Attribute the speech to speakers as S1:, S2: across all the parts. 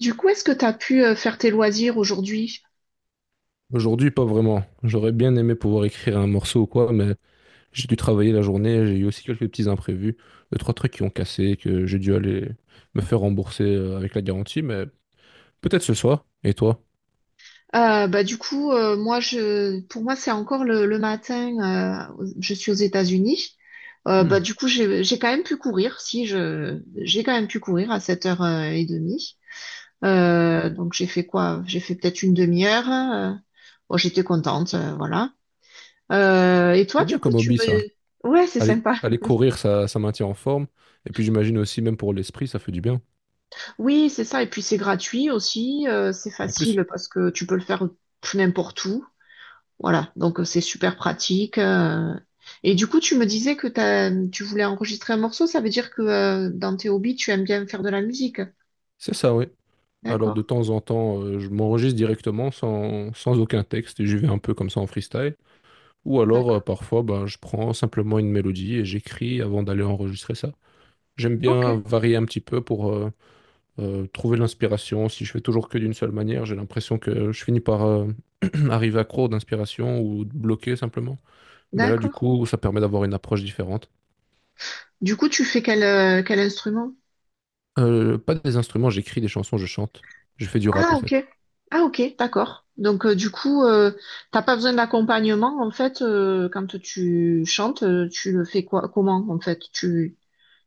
S1: Du coup, est-ce que tu as pu faire tes loisirs aujourd'hui?
S2: Aujourd'hui, pas vraiment. J'aurais bien aimé pouvoir écrire un morceau ou quoi, mais j'ai dû travailler la journée, j'ai eu aussi quelques petits imprévus, deux, trois trucs qui ont cassé, que j'ai dû aller me faire rembourser avec la garantie, mais peut-être ce soir. Et toi?
S1: Bah, du coup, moi, pour moi, c'est encore le matin. Je suis aux États-Unis. Bah,
S2: Hmm.
S1: du coup, j'ai quand même pu courir. Si, j'ai quand même pu courir à sept heures 30. Donc, j'ai fait quoi? J'ai fait peut-être une demi-heure. Bon, j'étais contente, voilà. Et toi,
S2: C'est
S1: du
S2: bien
S1: coup,
S2: comme
S1: tu me...
S2: hobby, ça.
S1: Ouais, c'est
S2: Aller,
S1: sympa.
S2: aller courir, ça maintient en forme. Et puis j'imagine aussi, même pour l'esprit, ça fait du bien.
S1: Oui, c'est ça. Et puis, c'est gratuit aussi. C'est
S2: En plus,
S1: facile parce que tu peux le faire n'importe où. Voilà, donc c'est super pratique. Et du coup, tu me disais que tu voulais enregistrer un morceau, ça veut dire que dans tes hobbies, tu aimes bien faire de la musique.
S2: c'est ça, oui. Alors
S1: D'accord,
S2: de temps en temps, je m'enregistre directement sans aucun texte et j'y vais un peu comme ça en freestyle. Ou alors,
S1: d'accord.
S2: parfois, ben, je prends simplement une mélodie et j'écris avant d'aller enregistrer ça. J'aime
S1: Ok,
S2: bien varier un petit peu pour trouver l'inspiration. Si je fais toujours que d'une seule manière, j'ai l'impression que je finis par arriver à accro d'inspiration ou bloqué simplement. Mais là, du
S1: d'accord.
S2: coup, ça permet d'avoir une approche différente.
S1: Du coup, tu fais quel instrument?
S2: Pas des instruments, j'écris des chansons, je chante. Je fais du rap
S1: Ah,
S2: en
S1: ok.
S2: fait.
S1: Ah, ok, d'accord. Donc, du coup, t'as pas besoin d'accompagnement, en fait, quand tu chantes, tu le fais quoi, comment, en fait? Tu,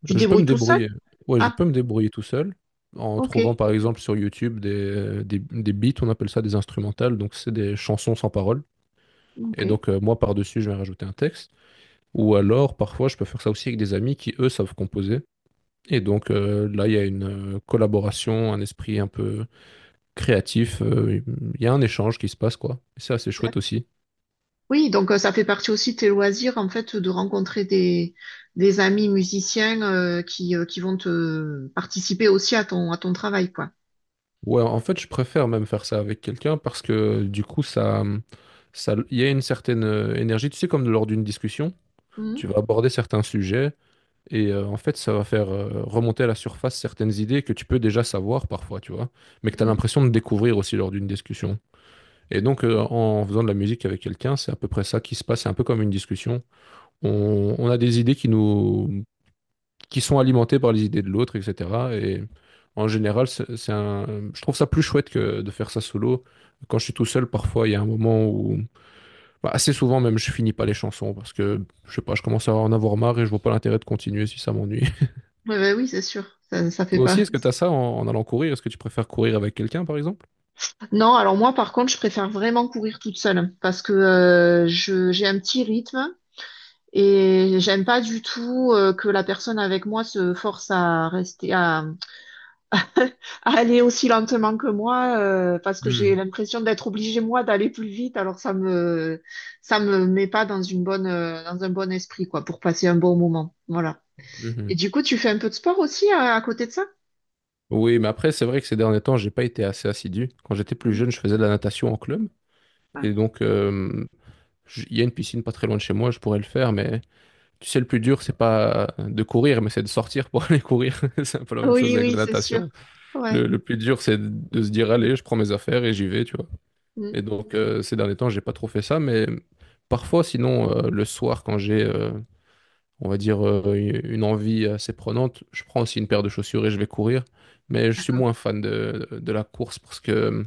S1: tu te
S2: Je peux
S1: débrouilles
S2: me
S1: tout seul?
S2: débrouiller. Ouais, je
S1: Ah,
S2: peux me débrouiller tout seul en
S1: ok,
S2: trouvant par exemple sur YouTube des beats, on appelle ça des instrumentales, donc c'est des chansons sans paroles.
S1: ok.
S2: Et donc, moi, par-dessus, je vais rajouter un texte. Ou alors, parfois, je peux faire ça aussi avec des amis qui, eux, savent composer. Et donc, là, il y a une collaboration, un esprit un peu créatif. Il y a un échange qui se passe, quoi. Et c'est assez chouette aussi.
S1: Oui, donc ça fait partie aussi de tes loisirs, en fait, de rencontrer des amis musiciens, qui vont te participer aussi à ton travail, quoi.
S2: Ouais, en fait, je préfère même faire ça avec quelqu'un parce que, du coup, ça, il y a une certaine énergie. Tu sais, comme lors d'une discussion,
S1: Mhm.
S2: tu vas aborder certains sujets. Et en fait, ça va faire remonter à la surface certaines idées que tu peux déjà savoir parfois, tu vois, mais que tu as
S1: Mhm.
S2: l'impression de découvrir aussi lors d'une discussion. Et donc, en faisant de la musique avec quelqu'un, c'est à peu près ça qui se passe. C'est un peu comme une discussion. On a des idées qui nous, qui sont alimentées par les idées de l'autre, etc. Et en général, c'est un, je trouve ça plus chouette que de faire ça solo. Quand je suis tout seul, parfois, il y a un moment où, bah, assez souvent même, je finis pas les chansons parce que, je sais pas, je commence à en avoir marre et je vois pas l'intérêt de continuer si ça m'ennuie.
S1: Ouais, ouais, oui, c'est sûr. Ça fait
S2: Toi
S1: pas.
S2: aussi, est-ce que tu as ça en allant courir? Est-ce que tu préfères courir avec quelqu'un, par exemple?
S1: Non, alors moi, par contre, je préfère vraiment courir toute seule parce que j'ai un petit rythme et j'aime pas du tout que la personne avec moi se force à rester, à aller aussi lentement que moi, parce que j'ai
S2: Hmm.
S1: l'impression d'être obligée moi d'aller plus vite, alors ça me met pas dans une bonne dans un bon esprit quoi, pour passer un bon moment. Voilà.
S2: Mhm.
S1: Et du coup, tu fais un peu de sport aussi, à côté de ça.
S2: Oui, mais après, c'est vrai que ces derniers temps, j'ai pas été assez assidu. Quand j'étais plus
S1: Mm.
S2: jeune, je faisais de la natation en club.
S1: Ah.
S2: Et donc, il y a une piscine pas très loin de chez moi, je pourrais le faire. Mais tu sais, le plus dur, c'est pas de courir, mais c'est de sortir pour aller courir. C'est un peu la même chose
S1: Oui,
S2: avec
S1: oui,
S2: la
S1: c'est sûr.
S2: natation.
S1: Ouais.
S2: Le plus dur, c'est de se dire, allez, je prends mes affaires et j'y vais, tu vois.
S1: Mm.
S2: Et donc, ces derniers temps, j'ai pas trop fait ça. Mais parfois, sinon, le soir, quand j'ai on va dire, une envie assez prenante. Je prends aussi une paire de chaussures et je vais courir. Mais je suis
S1: D'accord.
S2: moins fan de la course parce que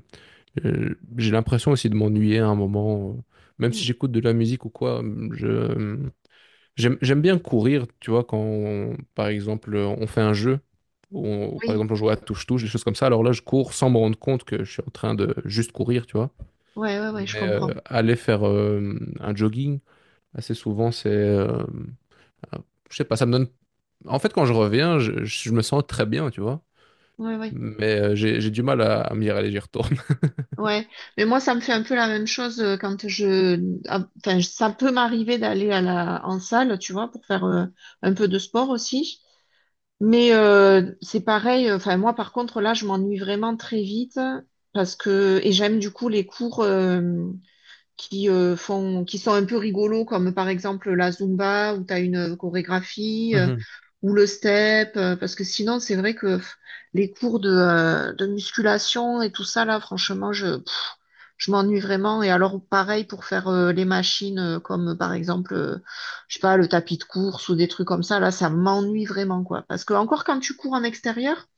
S2: j'ai l'impression aussi de m'ennuyer à un moment. Même
S1: Mm.
S2: si j'écoute de la musique ou quoi, je, j'aime bien courir, tu vois, quand, par exemple, on fait un jeu. Où par
S1: Oui,
S2: exemple, on joue à touche-touche, des choses comme ça. Alors là, je cours sans me rendre compte que je suis en train de juste courir, tu vois.
S1: ouais, ouais, ouais, je
S2: Mais
S1: comprends.
S2: aller faire un jogging, assez souvent, c'est, ah, je sais pas, ça me donne. En fait, quand je reviens, je me sens très bien, tu vois.
S1: Ouais, ouais,
S2: Mais j'ai du mal à me dire, allez, j'y retourne.
S1: ouais. Mais moi, ça me fait un peu la même chose, quand je ah, enfin ça peut m'arriver d'aller à la en salle, tu vois, pour faire un peu de sport aussi. Mais c'est pareil, enfin moi par contre là je m'ennuie vraiment très vite, parce que et j'aime du coup les cours qui sont un peu rigolos, comme par exemple la Zumba où tu as une chorégraphie,
S2: Mhm.
S1: ou le step, parce que sinon c'est vrai que les cours de musculation et tout ça, là, franchement je m'ennuie vraiment. Et alors, pareil pour faire les machines, comme par exemple, je sais pas, le tapis de course ou des trucs comme ça, là, ça m'ennuie vraiment, quoi. Parce que encore, quand tu cours en extérieur,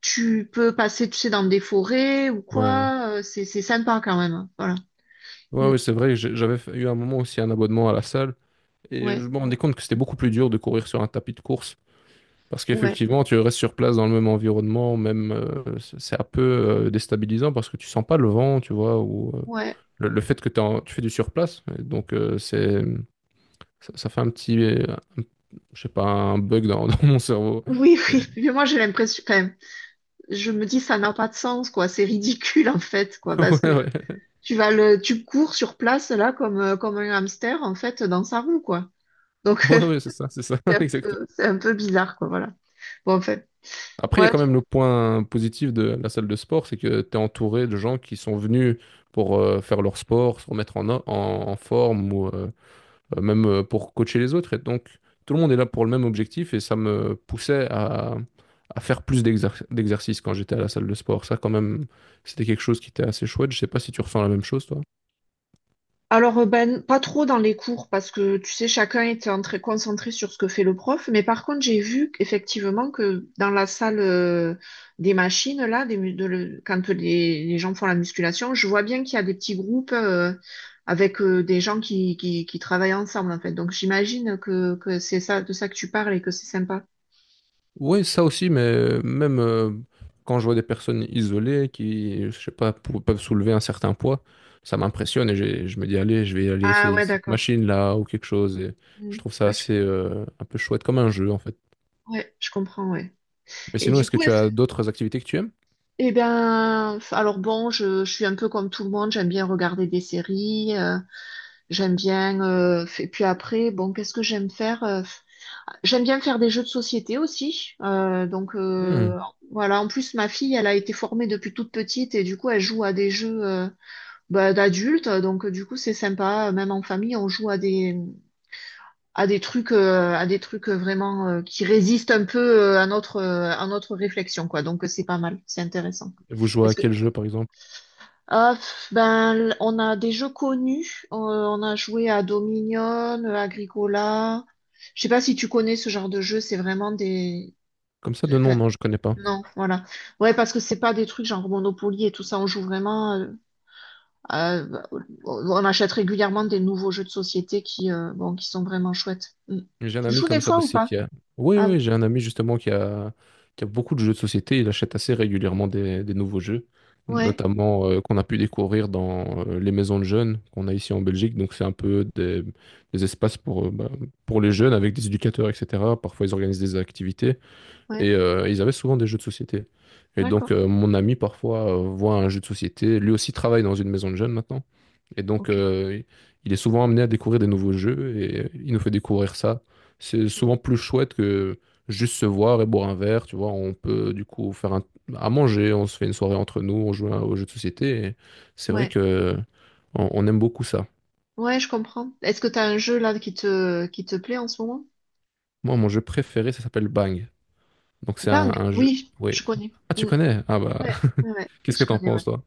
S1: tu peux passer, tu sais, dans des forêts ou
S2: Ouais, ouais.
S1: quoi, c'est sympa quand même, hein. Voilà.
S2: Ouais, ouais,
S1: Mm.
S2: c'est vrai, que j'avais eu un moment aussi un abonnement à la salle et
S1: Ouais,
S2: je me rendais compte que c'était beaucoup plus dur de courir sur un tapis de course parce
S1: ouais,
S2: qu'effectivement, tu restes sur place dans le même environnement, même c'est un peu déstabilisant parce que tu sens pas le vent, tu vois, ou
S1: ouais.
S2: le fait que t'es tu fais du surplace, et donc c'est ça, ça fait un petit, un- je sais pas, un bug dans mon cerveau.
S1: Oui, oui. Mais moi, j'ai l'impression, enfin, je me dis, ça n'a pas de sens, quoi. C'est ridicule, en fait, quoi, parce que
S2: Ouais, ouais.
S1: tu cours sur place, là, comme un hamster, en fait, dans sa roue, quoi. Donc, euh,
S2: Ouais, ouais, c'est ça,
S1: C'est un
S2: exactement.
S1: peu, c'est un peu bizarre, quoi, voilà. Bon, en fait,
S2: Après, il y a
S1: ouais.
S2: quand
S1: du
S2: même le point positif de la salle de sport, c'est que tu es entouré de gens qui sont venus pour faire leur sport, se remettre en forme ou même pour coacher les autres. Et donc, tout le monde est là pour le même objectif et ça me poussait à faire plus d'exercices quand j'étais à la salle de sport. Ça, quand même, c'était quelque chose qui était assez chouette. Je sais pas si tu ressens la même chose, toi.
S1: Alors, ben, pas trop dans les cours, parce que, tu sais, chacun était en très concentré sur ce que fait le prof, mais par contre, j'ai vu effectivement que dans la salle des machines, là, des, mu- de le- quand les gens font la musculation, je vois bien qu'il y a des petits groupes, avec des gens qui travaillent ensemble, en fait. Donc, j'imagine que c'est ça, de ça que tu parles et que c'est sympa.
S2: Oui, ça aussi, mais même quand je vois des personnes isolées qui, je sais pas, peuvent soulever un certain poids, ça m'impressionne et je me dis, allez, je vais aller
S1: Ah
S2: essayer
S1: ouais,
S2: cette
S1: d'accord.
S2: machine-là ou quelque chose. Et je
S1: Mm.
S2: trouve ça
S1: Ouais,
S2: assez un peu chouette, comme un jeu en fait.
S1: ouais, je comprends, ouais.
S2: Mais
S1: Et
S2: sinon,
S1: du
S2: est-ce que
S1: coup,
S2: tu
S1: est-ce
S2: as d'autres activités que tu aimes?
S1: Eh bien, alors bon, je suis un peu comme tout le monde, j'aime bien regarder des séries, j'aime bien, et puis après, bon, qu'est-ce que j'aime faire? J'aime bien faire des jeux de société aussi. Donc,
S2: Hmm.
S1: voilà, en plus ma fille, elle a été formée depuis toute petite et du coup elle joue à des jeux, bah, d'adultes. Donc du coup c'est sympa, même en famille, on joue à des trucs, à des trucs vraiment, qui résistent un peu, à notre réflexion, quoi. Donc c'est pas mal, c'est intéressant.
S2: Et vous jouez à
S1: Est-ce que
S2: quel jeu, par exemple?
S1: Ah, ben, on a des jeux connus. On a joué à Dominion, Agricola. Je sais pas si tu connais ce genre de jeu. C'est vraiment des.
S2: Comme ça, de nom,
S1: Enfin,
S2: non, je connais pas.
S1: non, voilà. Ouais, parce que c'est pas des trucs genre Monopoly et tout ça. On joue vraiment, à- on achète régulièrement des nouveaux jeux de société, bon, qui sont vraiment chouettes. Mm.
S2: J'ai un
S1: Tu
S2: ami
S1: joues des
S2: comme ça
S1: fois ou
S2: aussi
S1: pas?
S2: qui a. Oui,
S1: Ah oui.
S2: oui, j'ai un ami justement qui a beaucoup de jeux de société. Il achète assez régulièrement des nouveaux jeux,
S1: Ouais,
S2: notamment qu'on a pu découvrir dans les maisons de jeunes qu'on a ici en Belgique. Donc, c'est un peu des espaces pour, bah, pour les jeunes avec des éducateurs, etc. Parfois, ils organisent des activités et
S1: ouais.
S2: ils avaient souvent des jeux de société. Et
S1: D'accord.
S2: donc, mon ami, parfois, voit un jeu de société. Lui aussi travaille dans une maison de jeunes maintenant. Et donc,
S1: Ok.
S2: il est souvent amené à découvrir des nouveaux jeux et il nous fait découvrir ça. C'est souvent plus chouette que juste se voir et boire un verre, tu vois. On peut du coup faire à manger, on se fait une soirée entre nous, on joue aux jeux de société. Et c'est vrai
S1: Ouais.
S2: que on aime beaucoup ça.
S1: Ouais, je comprends. Est-ce que t'as un jeu là qui te plaît en ce moment?
S2: Moi, mon jeu préféré, ça s'appelle Bang. Donc, c'est
S1: Bang,
S2: un jeu.
S1: oui,
S2: Oui.
S1: je connais.
S2: Ah, tu
S1: Mm.
S2: connais? Ah bah,
S1: Ouais, ouais, ouais,
S2: qu'est-ce que
S1: je
S2: t'en
S1: connais, ouais.
S2: penses, toi?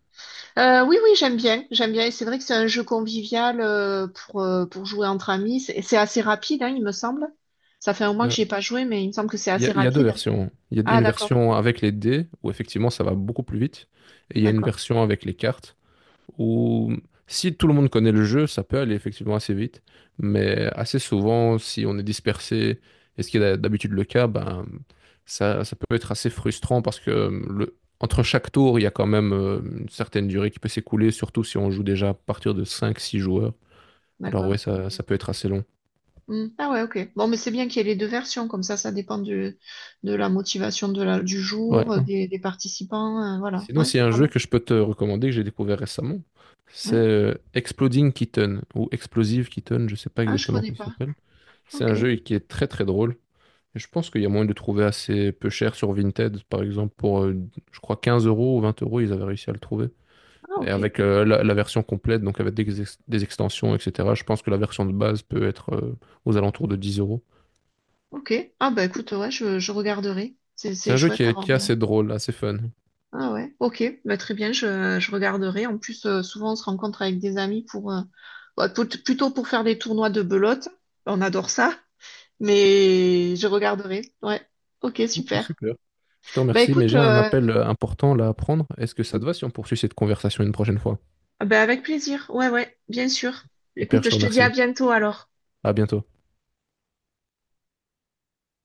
S1: Oui, oui, j'aime bien, j'aime bien. Et c'est vrai que c'est un jeu convivial, pour jouer entre amis. C'est assez rapide, hein, il me semble. Ça fait un mois que j'y ai
S2: Ben,
S1: pas joué, mais il me semble que c'est
S2: Il y a,
S1: assez
S2: il y a deux
S1: rapide.
S2: versions. Il y a
S1: Ah,
S2: une
S1: d'accord,
S2: version avec les dés, où effectivement ça va beaucoup plus vite, et il y a une
S1: d'accord,
S2: version avec les cartes. Où si tout le monde connaît le jeu, ça peut aller effectivement assez vite, mais assez souvent, si on est dispersé, et ce qui est d'habitude le cas, ben, ça peut être assez frustrant parce que entre chaque tour, il y a quand même une certaine durée qui peut s'écouler, surtout si on joue déjà à partir de cinq six joueurs. Alors ouais,
S1: d'accord.
S2: ça peut être assez long.
S1: Mm. Ah ouais, ok. Bon, mais c'est bien qu'il y ait les deux versions, comme ça dépend de la motivation de du
S2: Ouais.
S1: jour, des participants. Voilà,
S2: Sinon,
S1: ouais,
S2: s'il y a
S1: c'est
S2: un
S1: pas
S2: jeu
S1: mal.
S2: que je peux te recommander, que j'ai découvert récemment, c'est
S1: Ouais.
S2: Exploding Kitten, ou Explosive Kitten, je sais pas
S1: Ah, je
S2: exactement
S1: connais
S2: comment ça
S1: pas.
S2: s'appelle. C'est
S1: Ok.
S2: un jeu qui est très très drôle. Et je pense qu'il y a moyen de trouver assez peu cher sur Vinted, par exemple, pour, je crois, 15 euros ou 20 euros, ils avaient réussi à le trouver.
S1: Ah,
S2: Et
S1: ok.
S2: avec la version complète, donc avec des extensions, etc., je pense que la version de base peut être aux alentours de 10 euros.
S1: Ok. Ah bah écoute, ouais, je regarderai. C'est,
S2: C'est
S1: c'est
S2: un jeu qui
S1: chouette
S2: est,
S1: d'avoir
S2: qui est
S1: des...
S2: assez drôle, assez fun.
S1: Ah ouais, ok, bah très bien, je regarderai. En plus, souvent on se rencontre avec des amis pour bah, plutôt pour faire des tournois de belote. On adore ça, mais je regarderai. Ouais, ok,
S2: Ok,
S1: super.
S2: super. Je te
S1: Bah
S2: remercie, mais
S1: écoute,
S2: j'ai un appel important là à prendre. Est-ce que ça te va si on poursuit cette conversation une prochaine fois?
S1: bah avec plaisir. Ouais, ouais, bien sûr.
S2: Super,
S1: Écoute,
S2: je te
S1: je te dis à
S2: remercie.
S1: bientôt alors.
S2: À bientôt.